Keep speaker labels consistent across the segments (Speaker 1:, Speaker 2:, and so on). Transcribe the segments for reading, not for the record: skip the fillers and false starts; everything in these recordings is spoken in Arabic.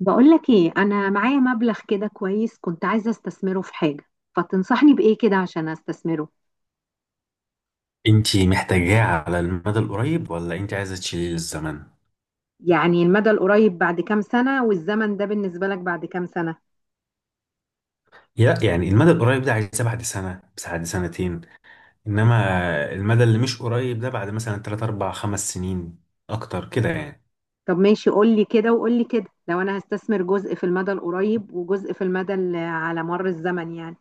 Speaker 1: بقولك ايه، انا معايا مبلغ كده كويس، كنت عايزة استثمره في حاجة، فتنصحني بايه كده عشان استثمره؟
Speaker 2: انتي محتاجاه على المدى القريب ولا انتي عايزه تشيليه للزمن؟
Speaker 1: يعني المدى القريب بعد كام سنة؟ والزمن ده بالنسبة لك بعد كام سنة؟
Speaker 2: لا، يعني المدى القريب ده عايزاه بعد سنه، بس بعد سنتين، انما المدى اللي مش قريب ده بعد مثلا 3 4 5 سنين اكتر كده يعني.
Speaker 1: طب ماشي، قولي كده وقولي كده، لو انا هستثمر جزء في المدى القريب وجزء في المدى على مر الزمن يعني.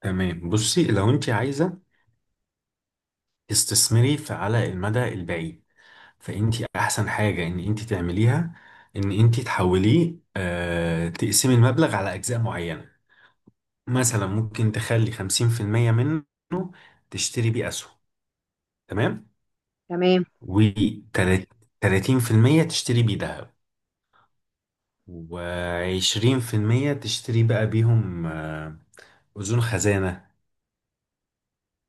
Speaker 2: تمام، بصي، لو انتي عايزه تستثمري في على المدى البعيد، فانتي احسن حاجه ان انتي تعمليها ان انتي تحوليه تقسمي المبلغ على اجزاء معينه. مثلا ممكن تخلي 50% منه تشتري بيه اسهم، تمام.
Speaker 1: تمام.
Speaker 2: و 30% تشتري بيه ذهب، و20% تشتري بقى بيهم أذون خزانة،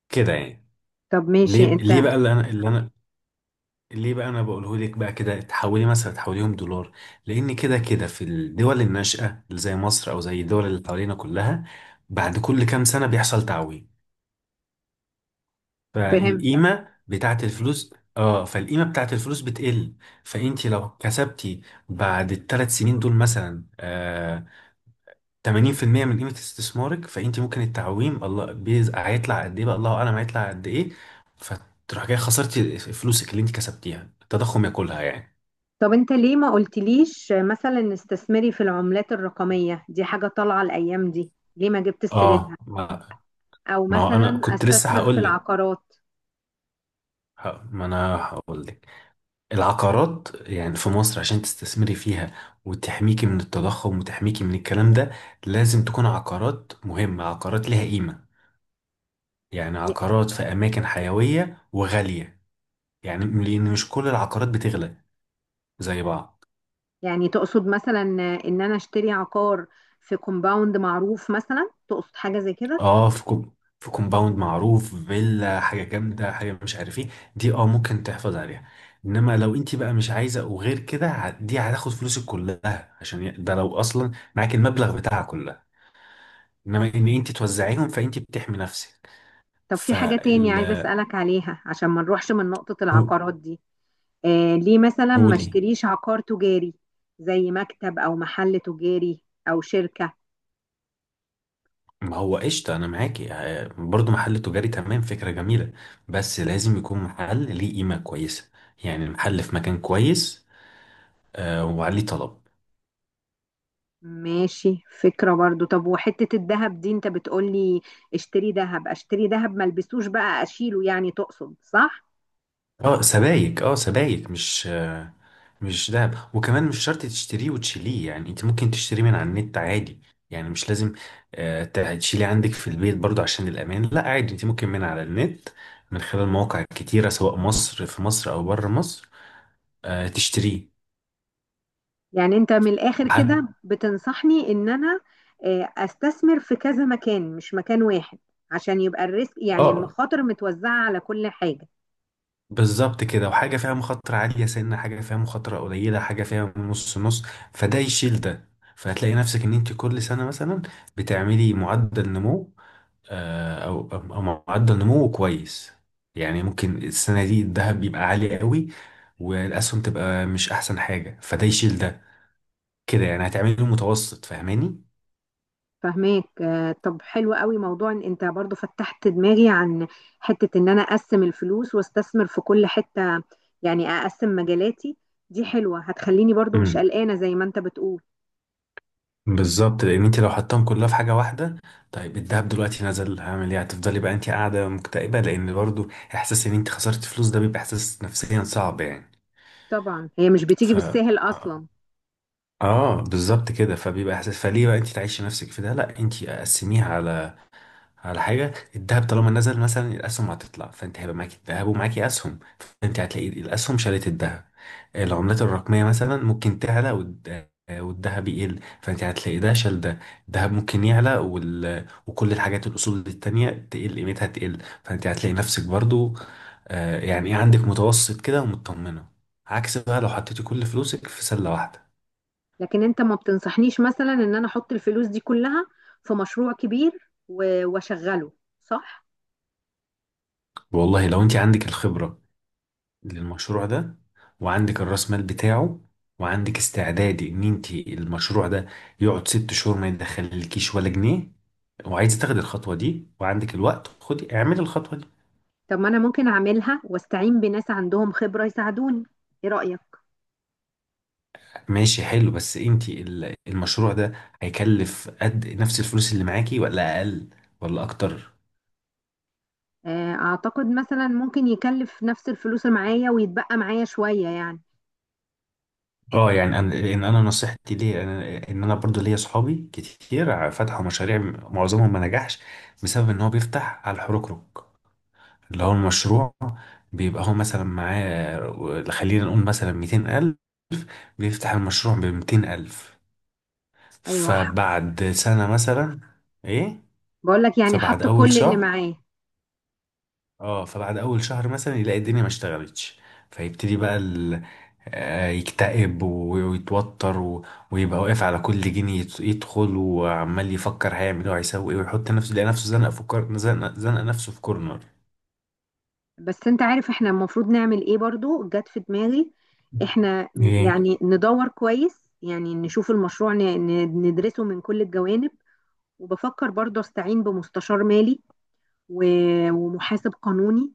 Speaker 2: كده يعني.
Speaker 1: طب
Speaker 2: ليه
Speaker 1: ماشي انت.
Speaker 2: ليه بقى اللي انا ليه بقى انا بقوله لك بقى كده تحولي مثلا تحوليهم دولار. لان كده في الدول الناشئة اللي زي مصر او زي الدول اللي حوالينا كلها، بعد كل كام سنة بيحصل تعويم.
Speaker 1: فهمت.
Speaker 2: فالقيمة بتاعت الفلوس، فالقيمة بتاعت الفلوس بتقل. فانت لو كسبتي بعد الثلاث سنين دول مثلا 80% من قيمة استثمارك، فانت ممكن التعويم الله هيطلع قد ايه بقى، الله اعلم هيطلع قد ايه. فتروح جاي خسرتي فلوسك اللي انت كسبتيها التضخم ياكلها يعني.
Speaker 1: طب انت ليه ما قلتليش مثلا استثمري في العملات الرقمية؟ دي حاجة طالعة الايام دي، ليه ما جبت
Speaker 2: اه
Speaker 1: سيرتها؟
Speaker 2: ما,
Speaker 1: او
Speaker 2: ما هو انا
Speaker 1: مثلا
Speaker 2: كنت لسه
Speaker 1: استثمر في
Speaker 2: هقول لك،
Speaker 1: العقارات.
Speaker 2: ما انا هقول لك، العقارات يعني في مصر عشان تستثمري فيها، وتحميكي من التضخم وتحميكي من الكلام ده، لازم تكون عقارات مهمة، عقارات لها قيمة، يعني عقارات في اماكن حيوية وغالية، يعني لان مش كل العقارات بتغلى زي بعض.
Speaker 1: يعني تقصد مثلا ان انا اشتري عقار في كومباوند معروف مثلا؟ تقصد حاجة زي كده؟
Speaker 2: اه، في كومباوند معروف، فيلا، حاجه جامده، حاجه مش عارف ايه، دي اه ممكن تحفظ عليها. انما لو انت بقى مش عايزه وغير كده، دي هتاخد فلوسك كلها عشان ده لو اصلا معاك المبلغ بتاعها كلها. انما ان انت توزعيهم فانت بتحمي نفسك.
Speaker 1: طب في حاجة تاني عايزة
Speaker 2: فال
Speaker 1: اسألك عليها عشان ما نروحش من نقطة
Speaker 2: قو-
Speaker 1: العقارات دي. آه، ليه مثلا ما
Speaker 2: قولي.
Speaker 1: اشتريش عقار تجاري؟ زي مكتب او محل تجاري، او شركة.
Speaker 2: ما هو قشطه، انا معاكي، برضو محل تجاري تمام، فكره جميله، بس لازم يكون محل ليه قيمه كويسه، يعني المحل في مكان كويس، وعليه طلب.
Speaker 1: ماشي، فكرة برضو. طب وحتة الذهب دي، انت بتقولي اشتري ذهب اشتري ذهب، ما البسوش بقى اشيله يعني، تقصد صح؟
Speaker 2: اه سبايك، اه سبايك، مش مش دهب، وكمان مش شرط تشتريه وتشيليه. يعني انت ممكن تشتريه من على النت عادي، يعني مش لازم تشيليه عندك في البيت، برضو عشان الأمان. لا عادي، انت ممكن من على النت، من خلال مواقع كتيرة سواء مصر في مصر أو بره مصر، تشتريه.
Speaker 1: يعني انت من الاخر
Speaker 2: حاجة.
Speaker 1: كده بتنصحني ان انا استثمر في كذا مكان، مش مكان واحد، عشان يبقى الريسك، يعني
Speaker 2: اه،
Speaker 1: المخاطر، متوزعة على كل حاجة.
Speaker 2: بالظبط كده. وحاجة فيها مخاطرة عالية سنة، حاجة فيها مخاطرة قليلة، حاجة فيها نص نص، فده يشيل ده. فهتلاقي نفسك ان انت كل سنة مثلا بتعملي معدل نمو، او معدل نموه كويس. يعني ممكن السنه دي الذهب يبقى عالي قوي، والاسهم تبقى مش احسن حاجه، فده يشيل ده، كده يعني، هتعملي له متوسط. فاهماني؟
Speaker 1: فهماك آه، طب حلو قوي موضوع ان انت برضو فتحت دماغي عن حتة ان انا اقسم الفلوس واستثمر في كل حتة، يعني اقسم مجالاتي، دي حلوة هتخليني برضو مش
Speaker 2: امم
Speaker 1: قلقانة زي ما انت بتقول.
Speaker 2: بالظبط، لان انت لو حطيتهم كلها في حاجه واحده، طيب الذهب دلوقتي نزل، هعمل ايه؟ هتفضلي بقى انت قاعده مكتئبه، لان برضو احساس ان انت خسرت فلوس ده بيبقى احساس نفسيا صعب يعني.
Speaker 1: طبعا هي مش بتيجي
Speaker 2: ف
Speaker 1: بالساهل
Speaker 2: اه
Speaker 1: اصلا.
Speaker 2: آه، بالظبط كده، فبيبقى احساس، فليه بقى انت تعيشي نفسك في ده؟ لا، انت قسميها على حاجة. الذهب طالما نزل مثلا، الأسهم هتطلع، فأنت هيبقى معاكي الذهب ومعاكي أسهم، فأنت هتلاقي الأسهم شالت الذهب. العملات الرقمية مثلا ممكن تعلى والذهب يقل، فأنت هتلاقي ده شال ده. الذهب ممكن يعلى وكل الحاجات الأصول التانية تقل قيمتها تقل، فأنت هتلاقي نفسك برضو يعني إيه عندك متوسط كده ومطمنة، عكس بقى لو حطيتي كل فلوسك في سلة واحدة.
Speaker 1: لكن انت ما بتنصحنيش مثلا ان انا احط الفلوس دي كلها في مشروع كبير واشغله، صح؟
Speaker 2: والله لو أنت عندك الخبرة للمشروع ده، وعندك الراس مال بتاعه، وعندك استعدادي ان انت المشروع ده يقعد 6 شهور ما يدخلكيش ولا جنيه، وعايزه تاخدي الخطوه دي وعندك الوقت، خدي اعملي الخطوه دي.
Speaker 1: طب ما انا ممكن اعملها واستعين بناس عندهم خبرة يساعدوني، ايه رأيك؟
Speaker 2: ماشي، حلو، بس انت المشروع ده هيكلف قد نفس الفلوس اللي معاكي، ولا اقل، ولا اكتر؟
Speaker 1: آه، اعتقد مثلا ممكن يكلف نفس الفلوس اللي معايا ويتبقى معايا شوية يعني.
Speaker 2: اه، يعني ان انا نصيحتي ليه، ان انا برضو ليا اصحابي كتير فتحوا مشاريع، معظمهم ما نجحش، بسبب ان هو بيفتح على الحركرك، اللي هو المشروع. بيبقى هو مثلا معاه، خلينا نقول مثلا 200 ألف، بيفتح المشروع بميتين ألف،
Speaker 1: ايوه،
Speaker 2: فبعد سنة مثلا. إيه؟
Speaker 1: بقول لك يعني
Speaker 2: فبعد
Speaker 1: حط
Speaker 2: أول
Speaker 1: كل اللي
Speaker 2: شهر،
Speaker 1: معايا.
Speaker 2: اه، فبعد أول شهر مثلا يلاقي الدنيا ما اشتغلتش، فيبتدي بقى ال... آه، يكتئب ويتوتر ويبقى واقف على كل جنيه يدخل، وعمال يفكر هيعمل ايه وهيسوي ايه، ويحط نفسه، يلاقي نفسه زنق نفسه في كورنر.
Speaker 1: بس انت عارف احنا المفروض نعمل ايه؟ برضو جت في دماغي، احنا
Speaker 2: ايه؟
Speaker 1: يعني ندور كويس، يعني نشوف المشروع ندرسه من كل الجوانب، وبفكر برضو استعين بمستشار مالي ومحاسب قانوني،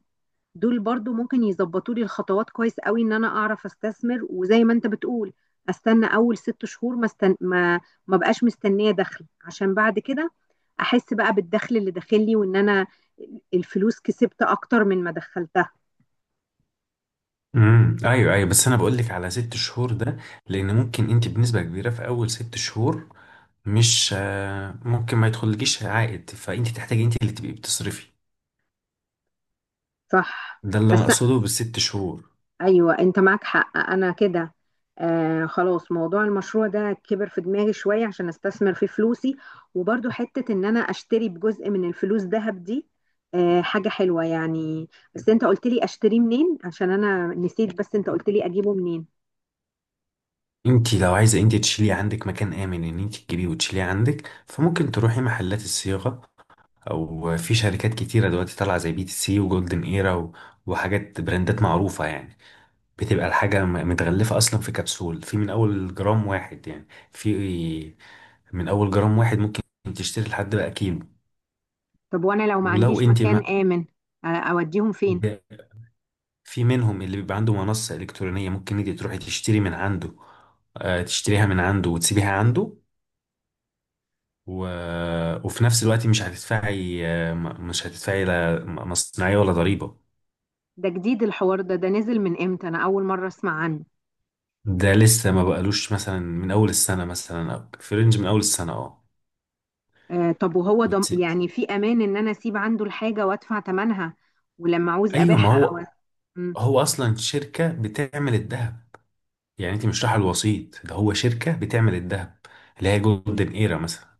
Speaker 1: دول برضو ممكن يظبطوا لي الخطوات كويس قوي ان انا اعرف استثمر، وزي ما انت بتقول استنى اول 6 شهور، ما استن... ما ما بقاش مستنيه دخل، عشان بعد كده احس بقى بالدخل اللي داخل لي، وان انا الفلوس كسبت اكتر من ما دخلتها.
Speaker 2: ايوه، ايوه، بس انا بقول لك على 6 شهور ده، لان ممكن انت بنسبه كبيره في اول 6 شهور مش ممكن ما يدخلكيش عائد، فانت تحتاجي انت اللي تبقي بتصرفي.
Speaker 1: صح.
Speaker 2: ده اللي انا
Speaker 1: بس،
Speaker 2: اقصده بالست شهور.
Speaker 1: ايوه انت معاك حق انا كده. آه خلاص، موضوع المشروع ده كبر في دماغي شويه عشان استثمر فيه فلوسي، وبرضو حته ان انا اشتري بجزء من الفلوس ذهب دي، آه حاجه حلوه يعني. بس انت قلت لي اشتريه منين عشان انا نسيت، بس انت قلت لي اجيبه منين؟
Speaker 2: انت لو عايزه انت تشيلي عندك مكان امن ان انت تجيبيه وتشيليه عندك، فممكن تروحي محلات الصياغه، او في شركات كتيره دلوقتي طالعه زي بي تي سي وجولدن ايرا وحاجات براندات معروفه يعني. بتبقى الحاجة متغلفة أصلا في كبسول، في من أول جرام واحد، يعني في من أول جرام واحد ممكن تشتري لحد بقى كيلو.
Speaker 1: طب وانا لو ما
Speaker 2: ولو
Speaker 1: عنديش
Speaker 2: أنت
Speaker 1: مكان
Speaker 2: ما
Speaker 1: امن اوديهم فين؟
Speaker 2: ب- في منهم اللي بيبقى عنده منصة إلكترونية، ممكن أنت تروحي تشتري من عنده، تشتريها من عنده وتسيبيها عنده و... وفي نفس الوقت مش هتدفعي مش هتدفعي لا مصنعية ولا ضريبة.
Speaker 1: ده جديد الحوار ده نزل من امتى؟ انا اول مره اسمع عنه.
Speaker 2: ده لسه ما بقالوش مثلا من أول السنة مثلا، أو في رينج من أول السنة، اه.
Speaker 1: آه طب، وهو ضم
Speaker 2: وت...
Speaker 1: يعني في امان ان انا اسيب عنده الحاجه وادفع ثمنها، ولما عاوز
Speaker 2: أيوة،
Speaker 1: ابيعها
Speaker 2: ما
Speaker 1: او...
Speaker 2: هو، هو اصلا شركه بتعمل الذهب، يعني انت مش رايحه الوسيط، ده هو شركه بتعمل الذهب، اللي هي جولدن ايرا مثلا.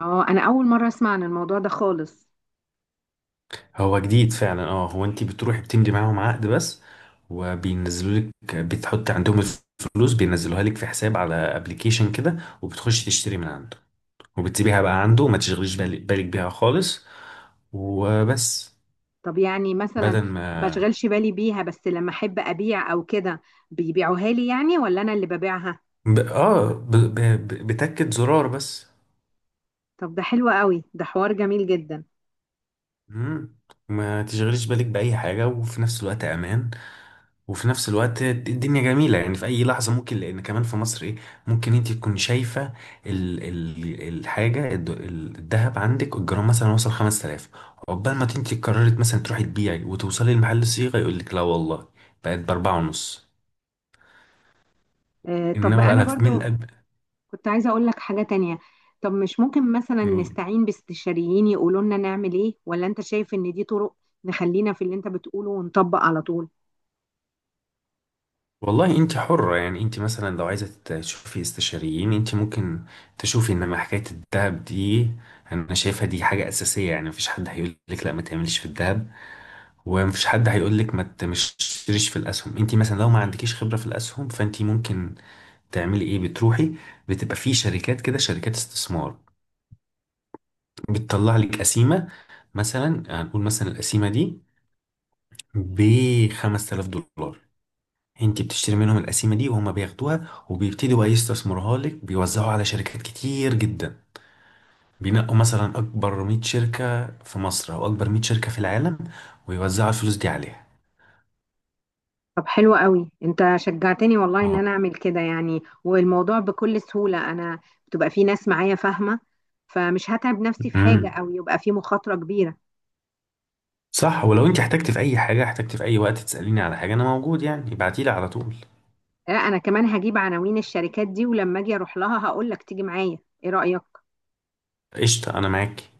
Speaker 1: اه انا اول مره اسمع عن الموضوع ده خالص.
Speaker 2: هو جديد فعلا، اه. هو انت بتروحي بتمضي معاهم عقد بس، وبينزلوا لك، بتحط عندهم الفلوس بينزلوها لك في حساب على ابلكيشن كده، وبتخشي تشتري من عنده، وبتسيبيها بقى عنده وما تشغليش بالك بيها خالص. وبس.
Speaker 1: طب يعني مثلا
Speaker 2: بدل
Speaker 1: ما
Speaker 2: ما
Speaker 1: اشغلش بالي بيها، بس لما احب ابيع او كده بيبيعوها لي يعني، ولا انا اللي ببيعها؟
Speaker 2: ب... اه ب... ب... ب- بتاكد زرار بس.
Speaker 1: طب ده حلو قوي، ده حوار جميل جدا.
Speaker 2: مم. ما تشغليش بالك بأي حاجة، وفي نفس الوقت أمان، وفي نفس الوقت الدنيا جميلة يعني، في أي لحظة ممكن، لأن كمان في مصر إيه، ممكن أنت تكون شايفة ال ال الحاجة الذهب، عندك الجرام مثلا وصل 5000، عقبال ما أنت قررت مثلا تروحي تبيعي وتوصلي لمحل الصيغة، يقول لك لا والله بقت بأربعة ونص.
Speaker 1: آه طب،
Speaker 2: إنما بقى
Speaker 1: انا
Speaker 2: لها من
Speaker 1: برضو كنت عايزه اقول لك حاجه تانية، طب مش ممكن مثلا
Speaker 2: الأب
Speaker 1: نستعين باستشاريين يقولوا لنا نعمل ايه؟ ولا انت شايف ان دي طرق نخلينا في اللي انت بتقوله ونطبق على طول؟
Speaker 2: والله انت حرة يعني، انت مثلا لو عايزة تشوفي استشاريين انت ممكن تشوفي، انما حكاية الذهب دي انا شايفها دي حاجة اساسية يعني، مفيش حد هيقول لك لا ما تعملش في الذهب، ومفيش حد هيقول لك ما ت- مش تشتريش في الاسهم. انت مثلا لو ما عندكيش خبرة في الاسهم، فانت ممكن تعملي ايه؟ بتروحي، بتبقى في شركات كده، شركات استثمار، بتطلع لك قسيمة، مثلا هنقول مثلا القسيمة دي ب 5000 دولار، انت بتشتري منهم القسيمه دي، وهم بياخدوها وبيبتدوا بقى يستثمروها لك، بيوزعوها على شركات كتير جدا، بينقوا مثلا اكبر 100 شركه في مصر او اكبر 100 شركه في العالم، ويوزعوا الفلوس دي عليها.
Speaker 1: طب حلو قوي، انت شجعتني والله ان
Speaker 2: اه.
Speaker 1: انا اعمل كده يعني، والموضوع بكل سهولة، انا بتبقى في ناس معايا فاهمة، فمش هتعب نفسي في حاجة
Speaker 2: امم
Speaker 1: او يبقى في مخاطرة كبيرة.
Speaker 2: صح. ولو انت احتجت في اي حاجه، احتجت في اي وقت تساليني على حاجه انا موجود يعني، ابعتيلي على طول.
Speaker 1: لا انا كمان هجيب عناوين الشركات دي، ولما اجي اروح لها هقول لك تيجي معايا، ايه رأيك؟
Speaker 2: قشطه، انا معاك.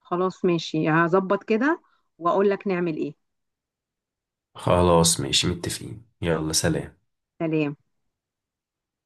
Speaker 1: خلاص ماشي، هظبط كده واقول لك نعمل ايه.
Speaker 2: خلاص ماشي، متفقين، يلا سلام.
Speaker 1: سلام.